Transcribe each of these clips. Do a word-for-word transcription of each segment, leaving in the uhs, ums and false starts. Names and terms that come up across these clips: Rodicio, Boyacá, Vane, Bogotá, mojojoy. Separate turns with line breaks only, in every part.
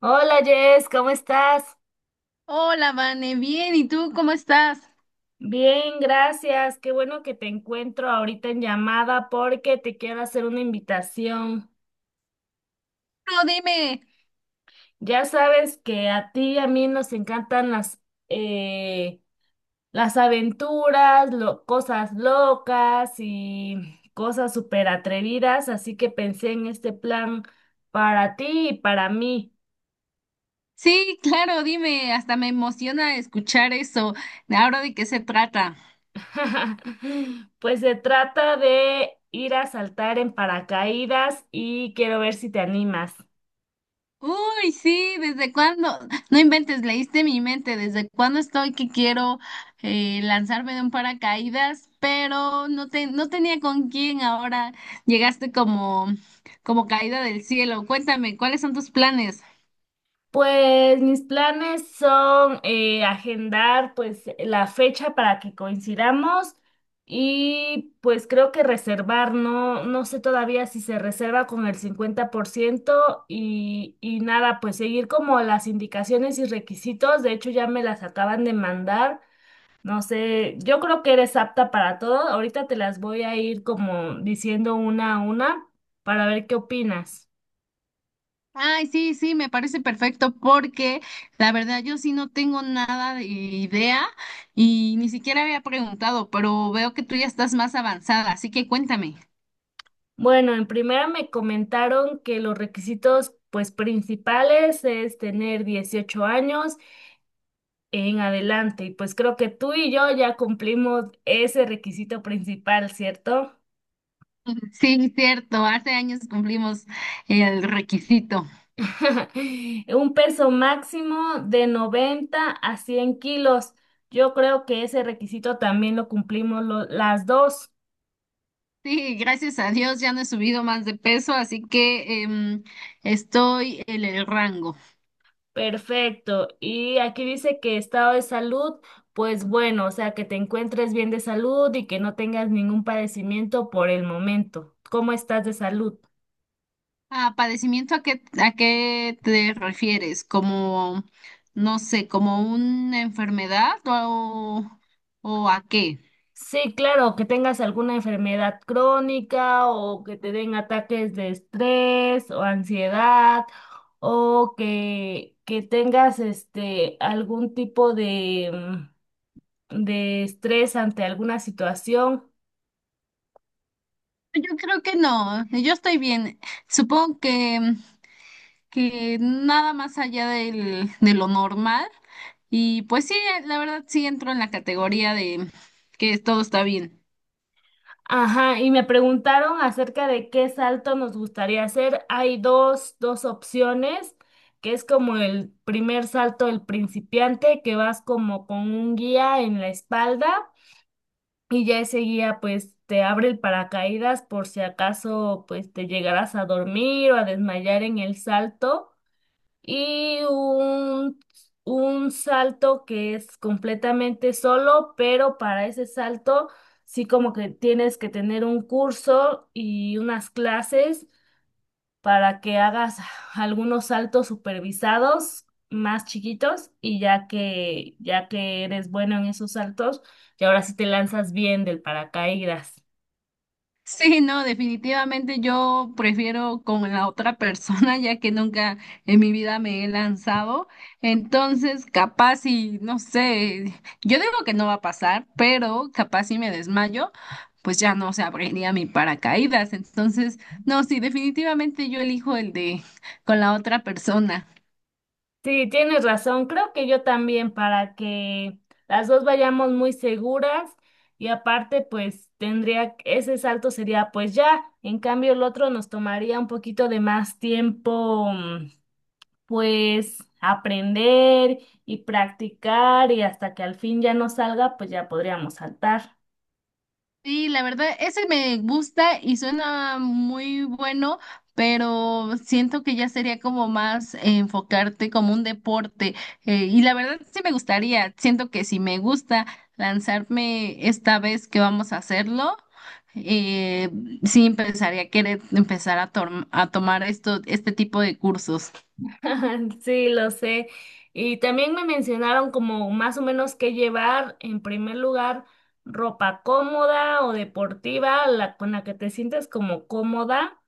Hola Jess, ¿cómo estás?
Hola, Vane, bien, ¿y tú cómo estás?
Bien, gracias. Qué bueno que te encuentro ahorita en llamada porque te quiero hacer una invitación.
No, dime.
Ya sabes que a ti y a mí nos encantan las, eh, las aventuras, lo- cosas locas y cosas súper atrevidas, así que pensé en este plan para ti y para mí.
Sí, claro, dime, hasta me emociona escuchar eso. ¿Ahora de qué se trata?
Pues se trata de ir a saltar en paracaídas y quiero ver si te animas.
Uy, sí, ¿desde cuándo? No inventes, leíste mi mente, ¿desde cuándo estoy que quiero eh, lanzarme de un paracaídas? Pero no, te, no tenía con quién, ahora llegaste como, como caída del cielo. Cuéntame, ¿cuáles son tus planes?
Pues mis planes son eh, agendar pues la fecha para que coincidamos y pues creo que reservar, no, no sé todavía si se reserva con el cincuenta por ciento y, y nada, pues seguir como las indicaciones y requisitos, de hecho ya me las acaban de mandar. No sé, yo creo que eres apta para todo. Ahorita te las voy a ir como diciendo una a una para ver qué opinas.
Ay, sí, sí, me parece perfecto porque la verdad yo sí no tengo nada de idea y ni siquiera había preguntado, pero veo que tú ya estás más avanzada, así que cuéntame.
Bueno, en primera me comentaron que los requisitos pues principales es tener dieciocho años en adelante y pues creo que tú y yo ya cumplimos ese requisito principal, ¿cierto?
Sí, cierto, hace años cumplimos el requisito.
Un peso máximo de noventa a cien kilos. Yo creo que ese requisito también lo cumplimos lo- las dos.
Sí, gracias a Dios ya no he subido más de peso, así que em, estoy en el rango.
Perfecto. Y aquí dice que estado de salud, pues bueno, o sea, que te encuentres bien de salud y que no tengas ningún padecimiento por el momento. ¿Cómo estás de salud?
Ah, padecimiento, ¿a qué, a qué te refieres? ¿Como, no sé, como una enfermedad o, o a qué?
Sí, claro, que tengas alguna enfermedad crónica o que te den ataques de estrés o ansiedad o que, que tengas este algún tipo de, mm, de estrés ante alguna situación.
Yo creo que no, yo estoy bien. Supongo que, que nada más allá del, de lo normal. Y pues sí, la verdad sí entro en la categoría de que todo está bien.
Ajá, y me preguntaron acerca de qué salto nos gustaría hacer. Hay dos, dos opciones, que es como el primer salto del principiante, que vas como con un guía en la espalda y ya ese guía pues te abre el paracaídas por si acaso pues te llegarás a dormir o a desmayar en el salto y un, un salto que es completamente solo, pero para ese salto sí como que tienes que tener un curso y unas clases para que hagas algunos saltos supervisados más chiquitos y ya que ya que eres bueno en esos saltos, y ahora sí te lanzas bien del paracaídas.
Sí, no, definitivamente yo prefiero con la otra persona, ya que nunca en mi vida me he lanzado. Entonces, capaz y no sé, yo digo que no va a pasar, pero capaz si me desmayo, pues ya no se abriría mi paracaídas. Entonces, no, sí, definitivamente yo elijo el de con la otra persona.
Sí, tienes razón. Creo que yo también para que las dos vayamos muy seguras y aparte pues tendría, ese salto sería pues ya, en cambio el otro nos tomaría un poquito de más tiempo mm, pues aprender y practicar y hasta que al fin ya nos salga pues ya podríamos saltar.
Sí, la verdad, ese me gusta y suena muy bueno, pero siento que ya sería como más eh, enfocarte como un deporte. Eh, y la verdad sí me gustaría, siento que si me gusta lanzarme esta vez que vamos a hacerlo, eh, sí empezaría a querer empezar a, tom- a tomar esto, este tipo de cursos.
Sí, lo sé. Y también me mencionaron como más o menos qué llevar, en primer lugar, ropa cómoda o deportiva, la con la que te sientes como cómoda,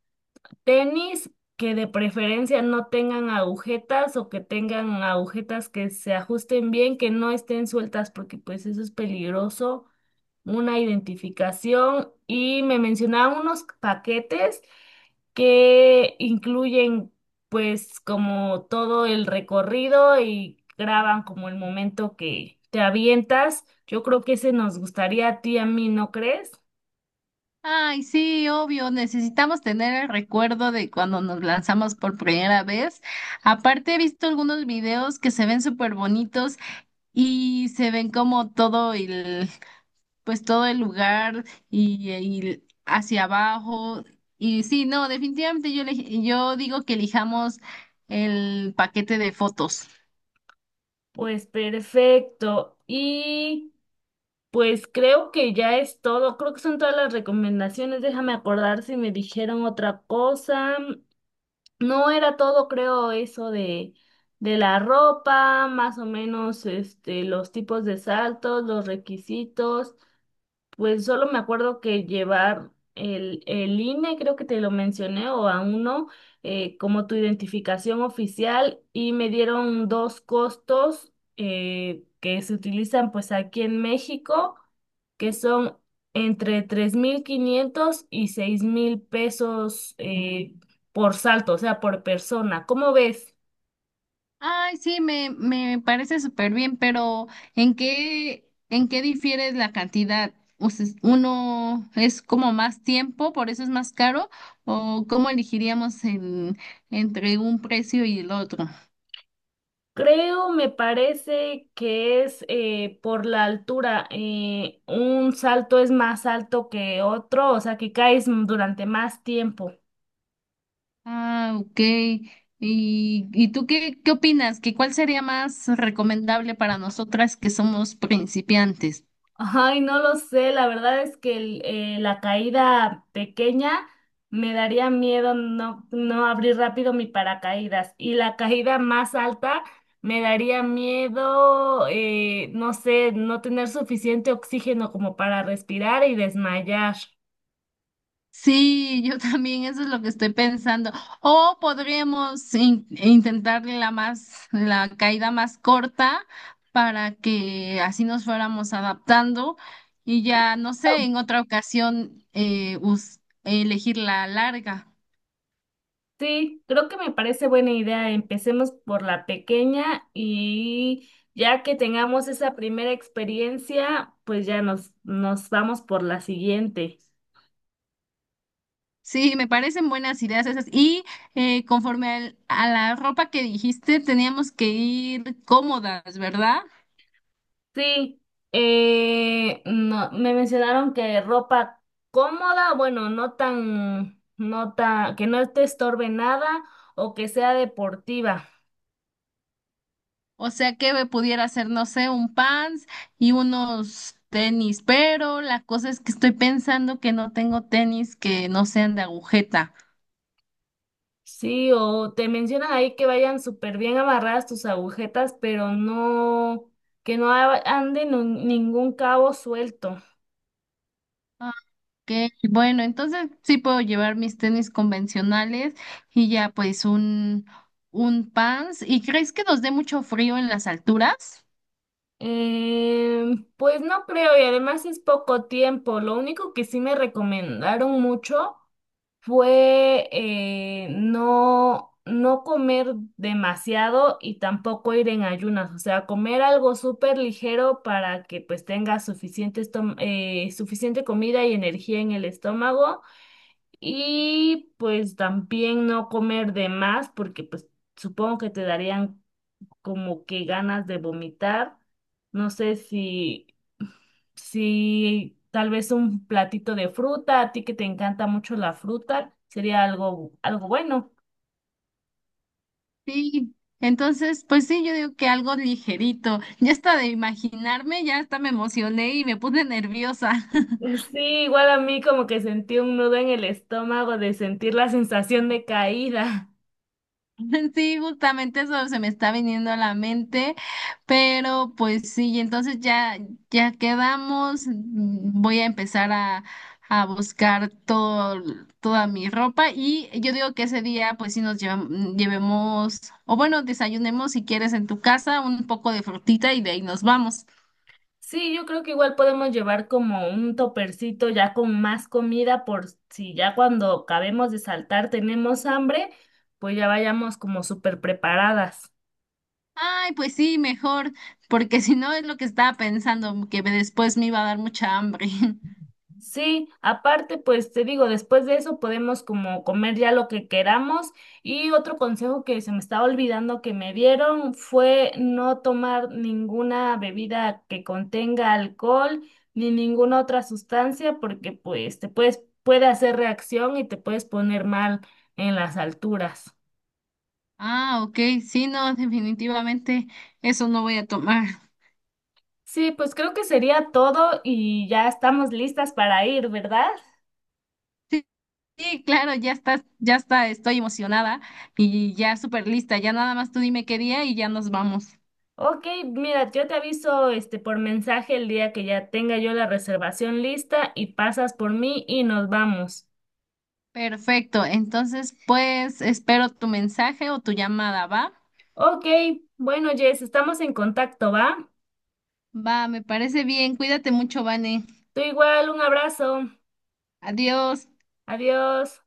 tenis que de preferencia no tengan agujetas o que tengan agujetas que se ajusten bien, que no estén sueltas porque pues eso es peligroso, una identificación y me mencionaban unos paquetes que incluyen pues como todo el recorrido y graban como el momento que te avientas. Yo creo que ese nos gustaría a ti, a mí, ¿no crees?
Ay, sí, obvio, necesitamos tener el recuerdo de cuando nos lanzamos por primera vez. Aparte, he visto algunos videos que se ven súper bonitos y se ven como todo el, pues todo el lugar y, y hacia abajo. Y sí, no, definitivamente yo, elegi- yo digo que elijamos el paquete de fotos.
Pues perfecto. Y pues creo que ya es todo. Creo que son todas las recomendaciones. Déjame acordar si me dijeron otra cosa. No era todo, creo, eso de, de la ropa, más o menos este, los tipos de saltos, los requisitos. Pues solo me acuerdo que llevar el, el I N E, creo que te lo mencioné, o a uno, eh, como tu identificación oficial, y me dieron dos costos eh, que se utilizan pues aquí en México, que son entre tres mil quinientos y seis mil pesos eh, por salto, o sea, por persona. ¿Cómo ves?
Ay, sí, me, me parece súper bien, pero ¿en qué, en qué difiere la cantidad? O sea, ¿uno es como más tiempo, por eso es más caro? ¿O cómo elegiríamos en- entre un precio y el otro?
Creo, me parece que es eh, por la altura. Eh, un salto es más alto que otro, o sea que caes durante más tiempo.
Ah, ok. ¿Y, y tú qué, qué opinas? ¿Que cuál sería más recomendable para nosotras que somos principiantes?
Ay, no lo sé, la verdad es que el- eh, la caída pequeña me daría miedo no, no abrir rápido mi paracaídas y la caída más alta me daría miedo, eh, no sé, no tener suficiente oxígeno como para respirar y desmayar.
Sí, yo también, eso es lo que estoy pensando. O podríamos in- intentar la más, la caída más corta para que así nos fuéramos adaptando y ya, no sé, en otra ocasión eh, us- elegir la larga.
Sí, creo que me parece buena idea. Empecemos por la pequeña y ya que tengamos esa primera experiencia, pues ya nos, nos vamos por la siguiente.
Sí, me parecen buenas ideas esas. Y eh, conforme al- a la ropa que dijiste, teníamos que ir cómodas, ¿verdad?
Sí, eh, no, me mencionaron que ropa cómoda, bueno, no tan, no tan, que no te estorbe nada o que sea deportiva.
O sea que me pudiera hacer, no sé, un pants y unos tenis, pero la cosa es que estoy pensando que no tengo tenis que no sean de agujeta.
Sí, o te mencionan ahí que vayan súper bien amarradas tus agujetas, pero no, que no a- ande nu- ningún cabo suelto.
Ah, ok, bueno, entonces sí puedo llevar mis tenis convencionales y ya pues un, un pants. ¿Y crees que nos dé mucho frío en las alturas?
Em, pues no creo, y además es poco tiempo. Lo único que sí me recomendaron mucho fue eh, no, no comer demasiado y tampoco ir en ayunas, o sea, comer algo súper ligero para que pues tengas suficiente, estom- eh, suficiente comida y energía en el estómago. Y pues también no comer de más, porque pues supongo que te darían como que ganas de vomitar. No sé si, si tal vez un platito de fruta, a ti que te encanta mucho la fruta, sería algo, algo bueno.
Sí, entonces pues sí, yo digo que algo ligerito. Ya hasta de imaginarme, ya hasta me emocioné y me puse nerviosa.
Sí, igual a mí como que sentí un nudo en el estómago de sentir la sensación de caída.
Sí, justamente eso se me está viniendo a la mente, pero pues sí, entonces ya, ya quedamos, mm, voy a empezar a, a buscar todo, toda mi ropa y yo digo que ese día pues sí nos llevam- llevemos, o bueno, desayunemos si quieres en tu casa un poco de frutita y de ahí nos vamos.
Sí, yo creo que igual podemos llevar como un topercito ya con más comida por si ya cuando acabemos de saltar tenemos hambre, pues ya vayamos como súper preparadas.
Ay, pues sí, mejor, porque si no es lo que estaba pensando, que después me iba a dar mucha hambre.
Sí, aparte, pues te digo, después de eso podemos como comer ya lo que queramos. Y otro consejo que se me estaba olvidando que me dieron fue no tomar ninguna bebida que contenga alcohol ni ninguna otra sustancia porque pues te puedes, puede hacer reacción y te puedes poner mal en las alturas.
Ah, ok, sí, no, definitivamente eso no voy a tomar.
Sí, pues creo que sería todo y ya estamos listas para ir, ¿verdad?
Sí, sí, claro, ya está, ya está, estoy emocionada y ya súper lista. Ya nada más tú dime qué día y ya nos vamos.
Ok, mira, yo te aviso este por mensaje el día que ya tenga yo la reservación lista y pasas por mí y nos vamos.
Perfecto, entonces pues espero tu mensaje o tu llamada, ¿va?
Ok, bueno, Jess, estamos en contacto, ¿va?
Va, me parece bien, cuídate mucho, Vane.
Tú igual, un abrazo.
Adiós.
Adiós.